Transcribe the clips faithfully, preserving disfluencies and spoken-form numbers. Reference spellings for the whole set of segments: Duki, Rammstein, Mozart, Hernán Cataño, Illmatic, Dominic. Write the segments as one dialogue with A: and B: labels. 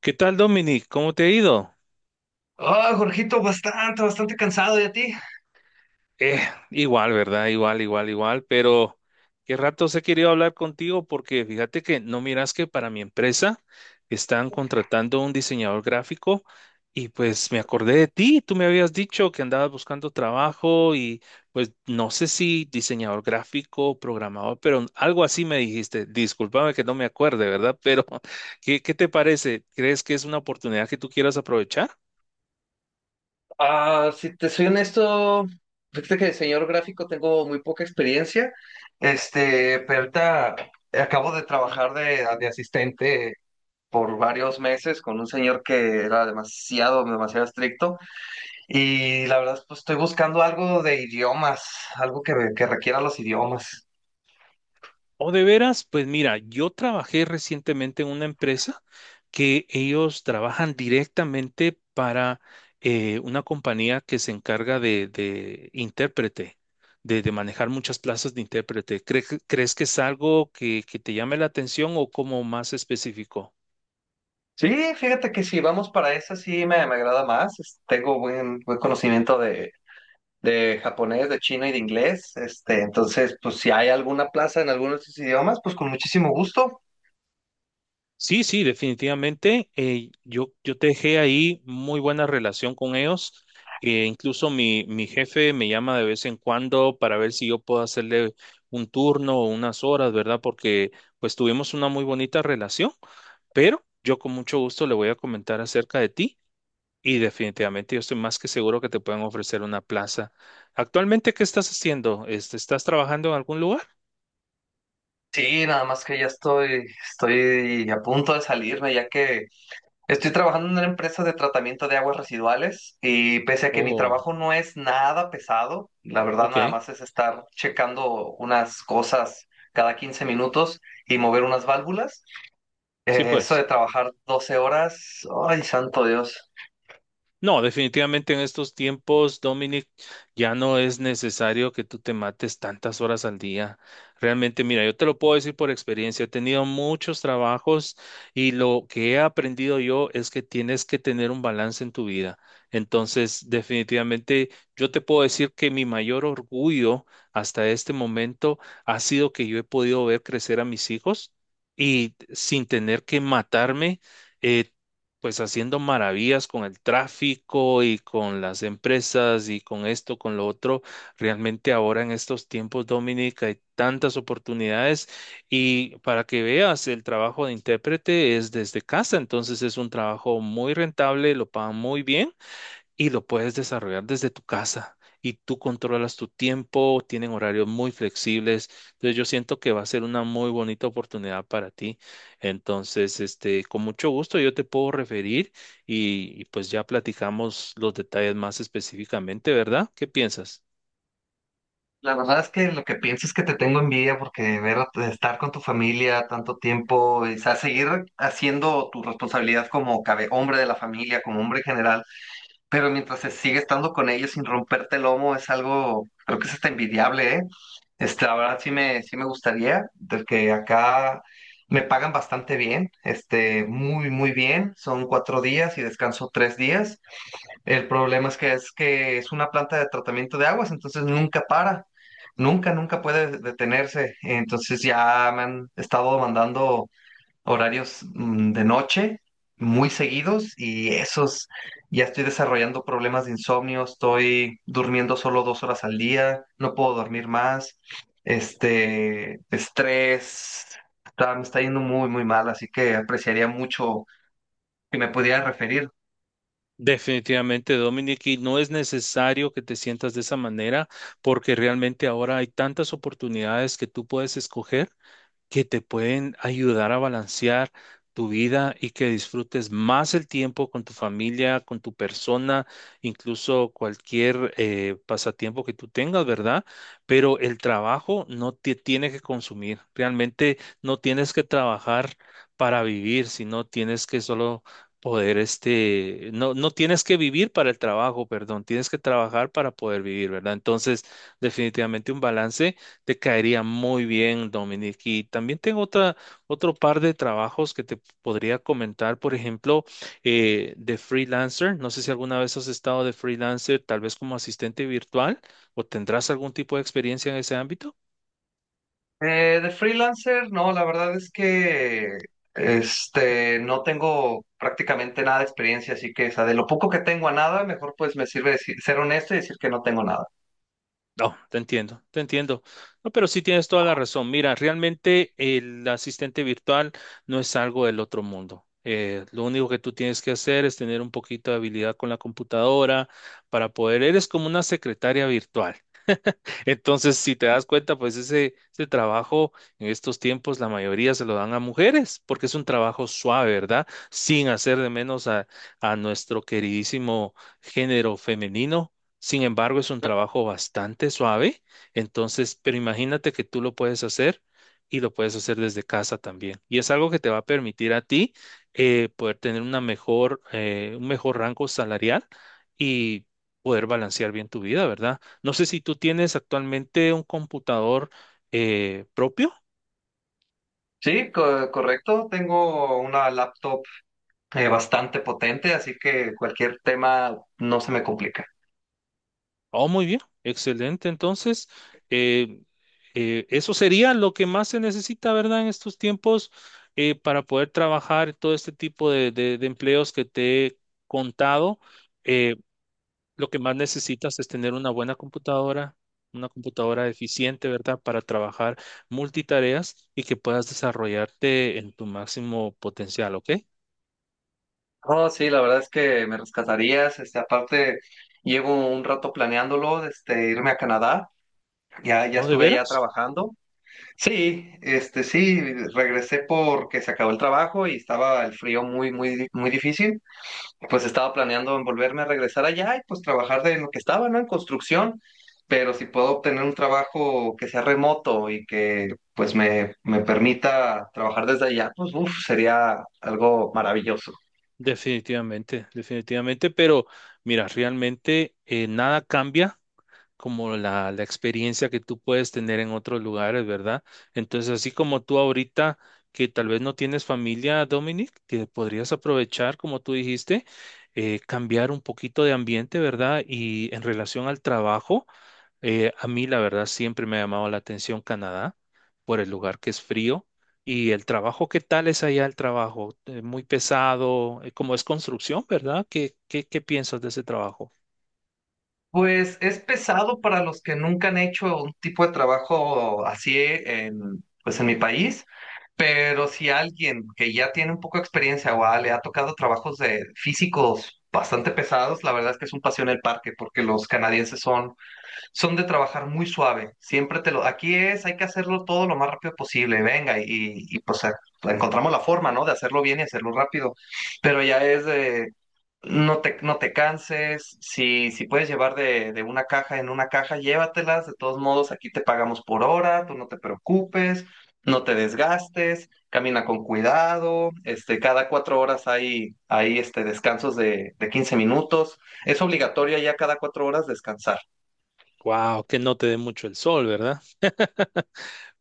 A: ¿Qué tal, Dominic? ¿Cómo te ha ido?
B: Ah, Jorgito, bastante, bastante cansado. ¿Y a ti?
A: Eh, igual, ¿verdad? Igual, igual, igual, pero qué rato he querido hablar contigo porque fíjate que no miras que para mi empresa están contratando un diseñador gráfico y pues me acordé de ti, tú me habías dicho que andabas buscando trabajo y pues no sé si diseñador gráfico, programador, pero algo así me dijiste. Discúlpame que no me acuerde, ¿verdad? Pero ¿qué, qué te parece? ¿Crees que es una oportunidad que tú quieras aprovechar?
B: Ah, si te soy honesto, fíjate que de diseñador gráfico tengo muy poca experiencia. Este, pero ahorita acabo de trabajar de, de asistente por varios meses con un señor que era demasiado, demasiado estricto. Y la verdad, pues estoy buscando algo de idiomas, algo que, que requiera los idiomas.
A: O de veras, pues mira, yo trabajé recientemente en una empresa que ellos trabajan directamente para eh, una compañía que se encarga de, de intérprete, de, de manejar muchas plazas de intérprete. ¿Cre- ¿Crees que es algo que, que te llame la atención o como más específico?
B: Sí, fíjate que si vamos para esa, sí me, me agrada más. Es- Tengo buen, buen conocimiento de japonés, de chino y de inglés. Este, entonces, pues si hay alguna plaza en alguno de estos idiomas, pues con muchísimo gusto.
A: Sí, sí, definitivamente. eh, yo, yo dejé ahí muy buena relación con ellos. Eh, incluso mi, mi jefe me llama de vez en cuando para ver si yo puedo hacerle un turno o unas horas, ¿verdad? Porque pues tuvimos una muy bonita relación, pero yo con mucho gusto le voy a comentar acerca de ti y definitivamente yo estoy más que seguro que te pueden ofrecer una plaza. ¿Actualmente qué estás haciendo? Este, ¿estás trabajando en algún lugar?
B: Sí, nada más que ya estoy, estoy a punto de salirme, ya que estoy trabajando en una empresa de tratamiento de aguas residuales y pese a que mi
A: Oh,
B: trabajo no es nada pesado, la verdad
A: ok.
B: nada más es estar checando unas cosas cada quince minutos y mover unas válvulas.
A: Sí,
B: Eh, eso
A: pues.
B: de trabajar doce horas, ay, santo Dios.
A: No, definitivamente en estos tiempos, Dominic, ya no es necesario que tú te mates tantas horas al día. Realmente, mira, yo te lo puedo decir por experiencia, he tenido muchos trabajos y lo que he aprendido yo es que tienes que tener un balance en tu vida. Entonces, definitivamente, yo te puedo decir que mi mayor orgullo hasta este momento ha sido que yo he podido ver crecer a mis hijos y sin tener que matarme. eh, pues haciendo maravillas con el tráfico y con las empresas y con esto, con lo otro. Realmente ahora en estos tiempos, Dominica, hay tantas oportunidades y para que veas, el trabajo de intérprete es desde casa, entonces es un trabajo muy rentable, lo pagan muy bien y lo puedes desarrollar desde tu casa y tú controlas tu tiempo, tienen horarios muy flexibles. Entonces yo siento que va a ser una muy bonita oportunidad para ti. Entonces, este, con mucho gusto yo te puedo referir y, y pues ya platicamos los detalles más específicamente, ¿verdad? ¿Qué piensas?
B: La verdad es que lo que pienso es que te tengo envidia porque ver a- estar con tu familia tanto tiempo, y, o sea, seguir haciendo tu responsabilidad como cabe, hombre de la familia, como hombre en general, pero mientras se sigue estando con ellos sin romperte el lomo es algo, creo que es hasta envidiable, ¿eh? Este, la verdad sí me, sí me gustaría, porque acá me pagan bastante bien, este, muy, muy bien, son cuatro días y descanso tres días. El problema es que es que es una planta de tratamiento de aguas, entonces nunca para, nunca, nunca puede detenerse. Entonces ya me han estado mandando horarios mm, de noche muy seguidos, y esos ya estoy desarrollando problemas de insomnio, estoy durmiendo solo dos horas al día, no puedo dormir más, este, estrés, está, me está yendo muy, muy mal, así que apreciaría mucho que me pudieran referir.
A: Definitivamente, Dominic, y no es necesario que te sientas de esa manera porque realmente ahora hay tantas oportunidades que tú puedes escoger que te pueden ayudar a balancear tu vida y que disfrutes más el tiempo con tu familia, con tu persona, incluso cualquier eh, pasatiempo que tú tengas, ¿verdad? Pero el trabajo no te tiene que consumir. Realmente no tienes que trabajar para vivir, sino tienes que solo poder, este, no, no tienes que vivir para el trabajo, perdón, tienes que trabajar para poder vivir, ¿verdad? Entonces, definitivamente un balance. Te caería muy bien, Dominic. Y también tengo otra, otro par de trabajos que te podría comentar. Por ejemplo, eh, de freelancer. No sé si alguna vez has estado de freelancer, tal vez como asistente virtual, o tendrás algún tipo de experiencia en ese ámbito.
B: Eh, de freelancer, no, la verdad es que este, no tengo prácticamente nada de experiencia, así que, o sea, de lo poco que tengo a nada, mejor pues me sirve decir- ser honesto y decir que no tengo nada.
A: No, te entiendo, te entiendo. No, pero sí tienes toda la razón. Mira, realmente el asistente virtual no es algo del otro mundo. Eh, lo único que tú tienes que hacer es tener un poquito de habilidad con la computadora para poder, eres como una secretaria virtual. Entonces, si te das cuenta, pues ese, ese trabajo en estos tiempos la mayoría se lo dan a mujeres, porque es un trabajo suave, ¿verdad? Sin hacer de menos a, a nuestro queridísimo género femenino. Sin embargo, es un trabajo bastante suave. Entonces, pero imagínate que tú lo puedes hacer y lo puedes hacer desde casa también. Y es algo que te va a permitir a ti eh, poder tener una mejor, eh, un mejor rango salarial y poder balancear bien tu vida, ¿verdad? No sé si tú tienes actualmente un computador eh, propio.
B: Sí, co- correcto, tengo una laptop eh, bastante potente, así que cualquier tema no se me complica.
A: Oh, muy bien, excelente. Entonces, eh, eh, eso sería lo que más se necesita, ¿verdad? En estos tiempos eh, para poder trabajar todo este tipo de, de- de empleos que te he contado. Eh, lo que más necesitas es tener una buena computadora, una computadora eficiente, ¿verdad? Para trabajar multitareas y que puedas desarrollarte en tu máximo potencial, ¿ok?
B: Oh, sí, la verdad es que me rescatarías, este, aparte llevo un rato planeándolo, este, irme a Canadá, ya, ya
A: ¿O de
B: estuve allá
A: veras?
B: trabajando. Sí, este sí, regresé porque se acabó el trabajo y estaba el frío muy, muy, muy difícil. Pues estaba planeando en volverme a regresar allá y pues trabajar de lo que estaba, ¿no? En construcción. Pero si puedo obtener un trabajo que sea remoto y que pues me, me permita trabajar desde allá, pues uf, sería algo maravilloso.
A: Definitivamente, definitivamente, pero mira, realmente eh, nada cambia como la, la experiencia que tú puedes tener en otros lugares, ¿verdad? Entonces, así como tú ahorita, que tal vez no tienes familia, Dominic, que podrías aprovechar, como tú dijiste, eh, cambiar un poquito de ambiente, ¿verdad? Y en relación al trabajo, eh, a mí la verdad siempre me ha llamado la atención Canadá por el lugar que es frío. Y el trabajo, ¿qué tal es allá el trabajo? Eh, muy pesado, eh, como es construcción, ¿verdad? ¿Qué, qué, qué piensas de ese trabajo?
B: Pues es pesado para los que nunca han hecho un tipo de trabajo así en, pues en mi país. Pero si alguien que ya tiene un poco de experiencia o ah, le ha tocado trabajos de físicos bastante pesados, la verdad es que es un paseo en el parque porque los canadienses son son de trabajar muy suave. Siempre te lo, aquí es, hay que hacerlo todo lo más rápido posible. Venga, y, y pues eh, encontramos la forma, ¿no? De hacerlo bien y hacerlo rápido. Pero ya es de, no te, no te canses. Si, si puedes llevar de, de una caja en una caja, llévatelas. De todos modos, aquí te pagamos por hora, tú no te preocupes, no te desgastes, camina con cuidado. Este, cada cuatro horas hay, hay este, descansos de, de quince minutos. Es obligatorio ya cada cuatro horas descansar.
A: Wow, que no te dé mucho el sol, ¿verdad?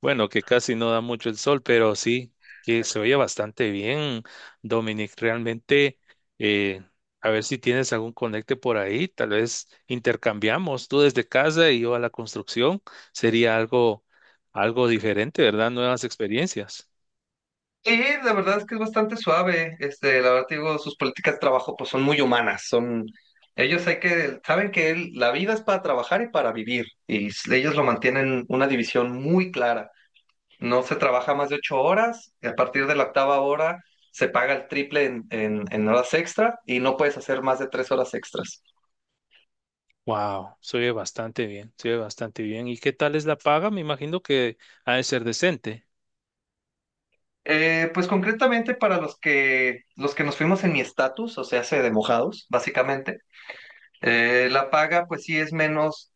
A: Bueno, que casi no da mucho el sol, pero sí que se oye bastante bien, Dominic. Realmente, eh, a ver si tienes algún conecte por ahí, tal vez intercambiamos tú desde casa y yo a la construcción, sería algo, algo diferente, ¿verdad? Nuevas experiencias.
B: Sí, la verdad es que es bastante suave. Este, la verdad te digo, sus políticas de trabajo pues son muy humanas, son ellos hay que saben que el- la vida es para trabajar y para vivir, y s- ellos lo mantienen una división muy clara. No se trabaja más de ocho horas, y a partir de la octava hora se paga el triple en, en- en horas extra y no puedes hacer más de tres horas extras.
A: Wow, se oye bastante bien, se oye bastante bien. ¿Y qué tal es la paga? Me imagino que ha de ser decente.
B: Eh, pues concretamente para los que los que nos fuimos en mi estatus, o sea, se de mojados, básicamente. Eh, la paga, pues sí es menos,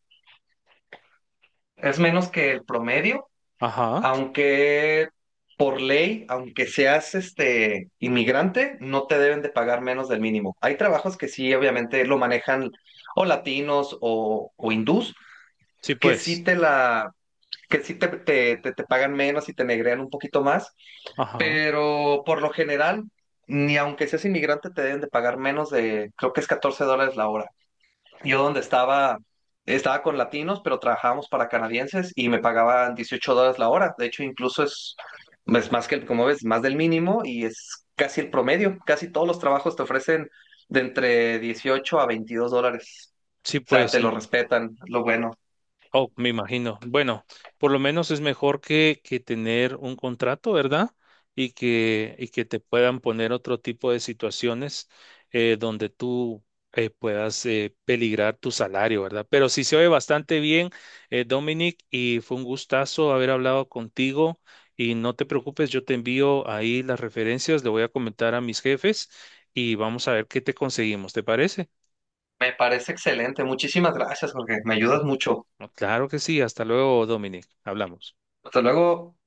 B: es menos que el promedio,
A: Ajá,
B: aunque por ley, aunque seas este inmigrante, no te deben de pagar menos del mínimo. Hay trabajos que sí, obviamente, lo manejan o latinos o, o hindús,
A: sí
B: que sí
A: pues,
B: te la, que sí te, te, te, te pagan menos y te negrean un poquito más,
A: ajá,
B: pero por lo general, ni aunque seas inmigrante, te deben de pagar menos de, creo que es catorce dólares la hora. Yo donde estaba, estaba con latinos, pero trabajábamos para canadienses y me pagaban dieciocho dólares la hora. De hecho, incluso es, es más que, el- como ves, más del mínimo y es casi el promedio. Casi todos los trabajos te ofrecen de entre dieciocho a veintidós dólares.
A: sí
B: O sea,
A: pues.
B: te lo respetan, lo bueno.
A: Oh, me imagino. Bueno, por lo menos es mejor que, que tener un contrato, ¿verdad? Y que, y que te puedan poner otro tipo de situaciones eh, donde tú eh, puedas eh, peligrar tu salario, ¿verdad? Pero sí se oye bastante bien, eh, Dominic, y fue un gustazo haber hablado contigo. Y no te preocupes, yo te envío ahí las referencias, le voy a comentar a mis jefes y vamos a ver qué te conseguimos, ¿te parece?
B: Me parece excelente. Muchísimas gracias, Jorge. Me ayudas mucho.
A: No, claro que sí, hasta luego, Dominic. Hablamos.
B: Hasta luego.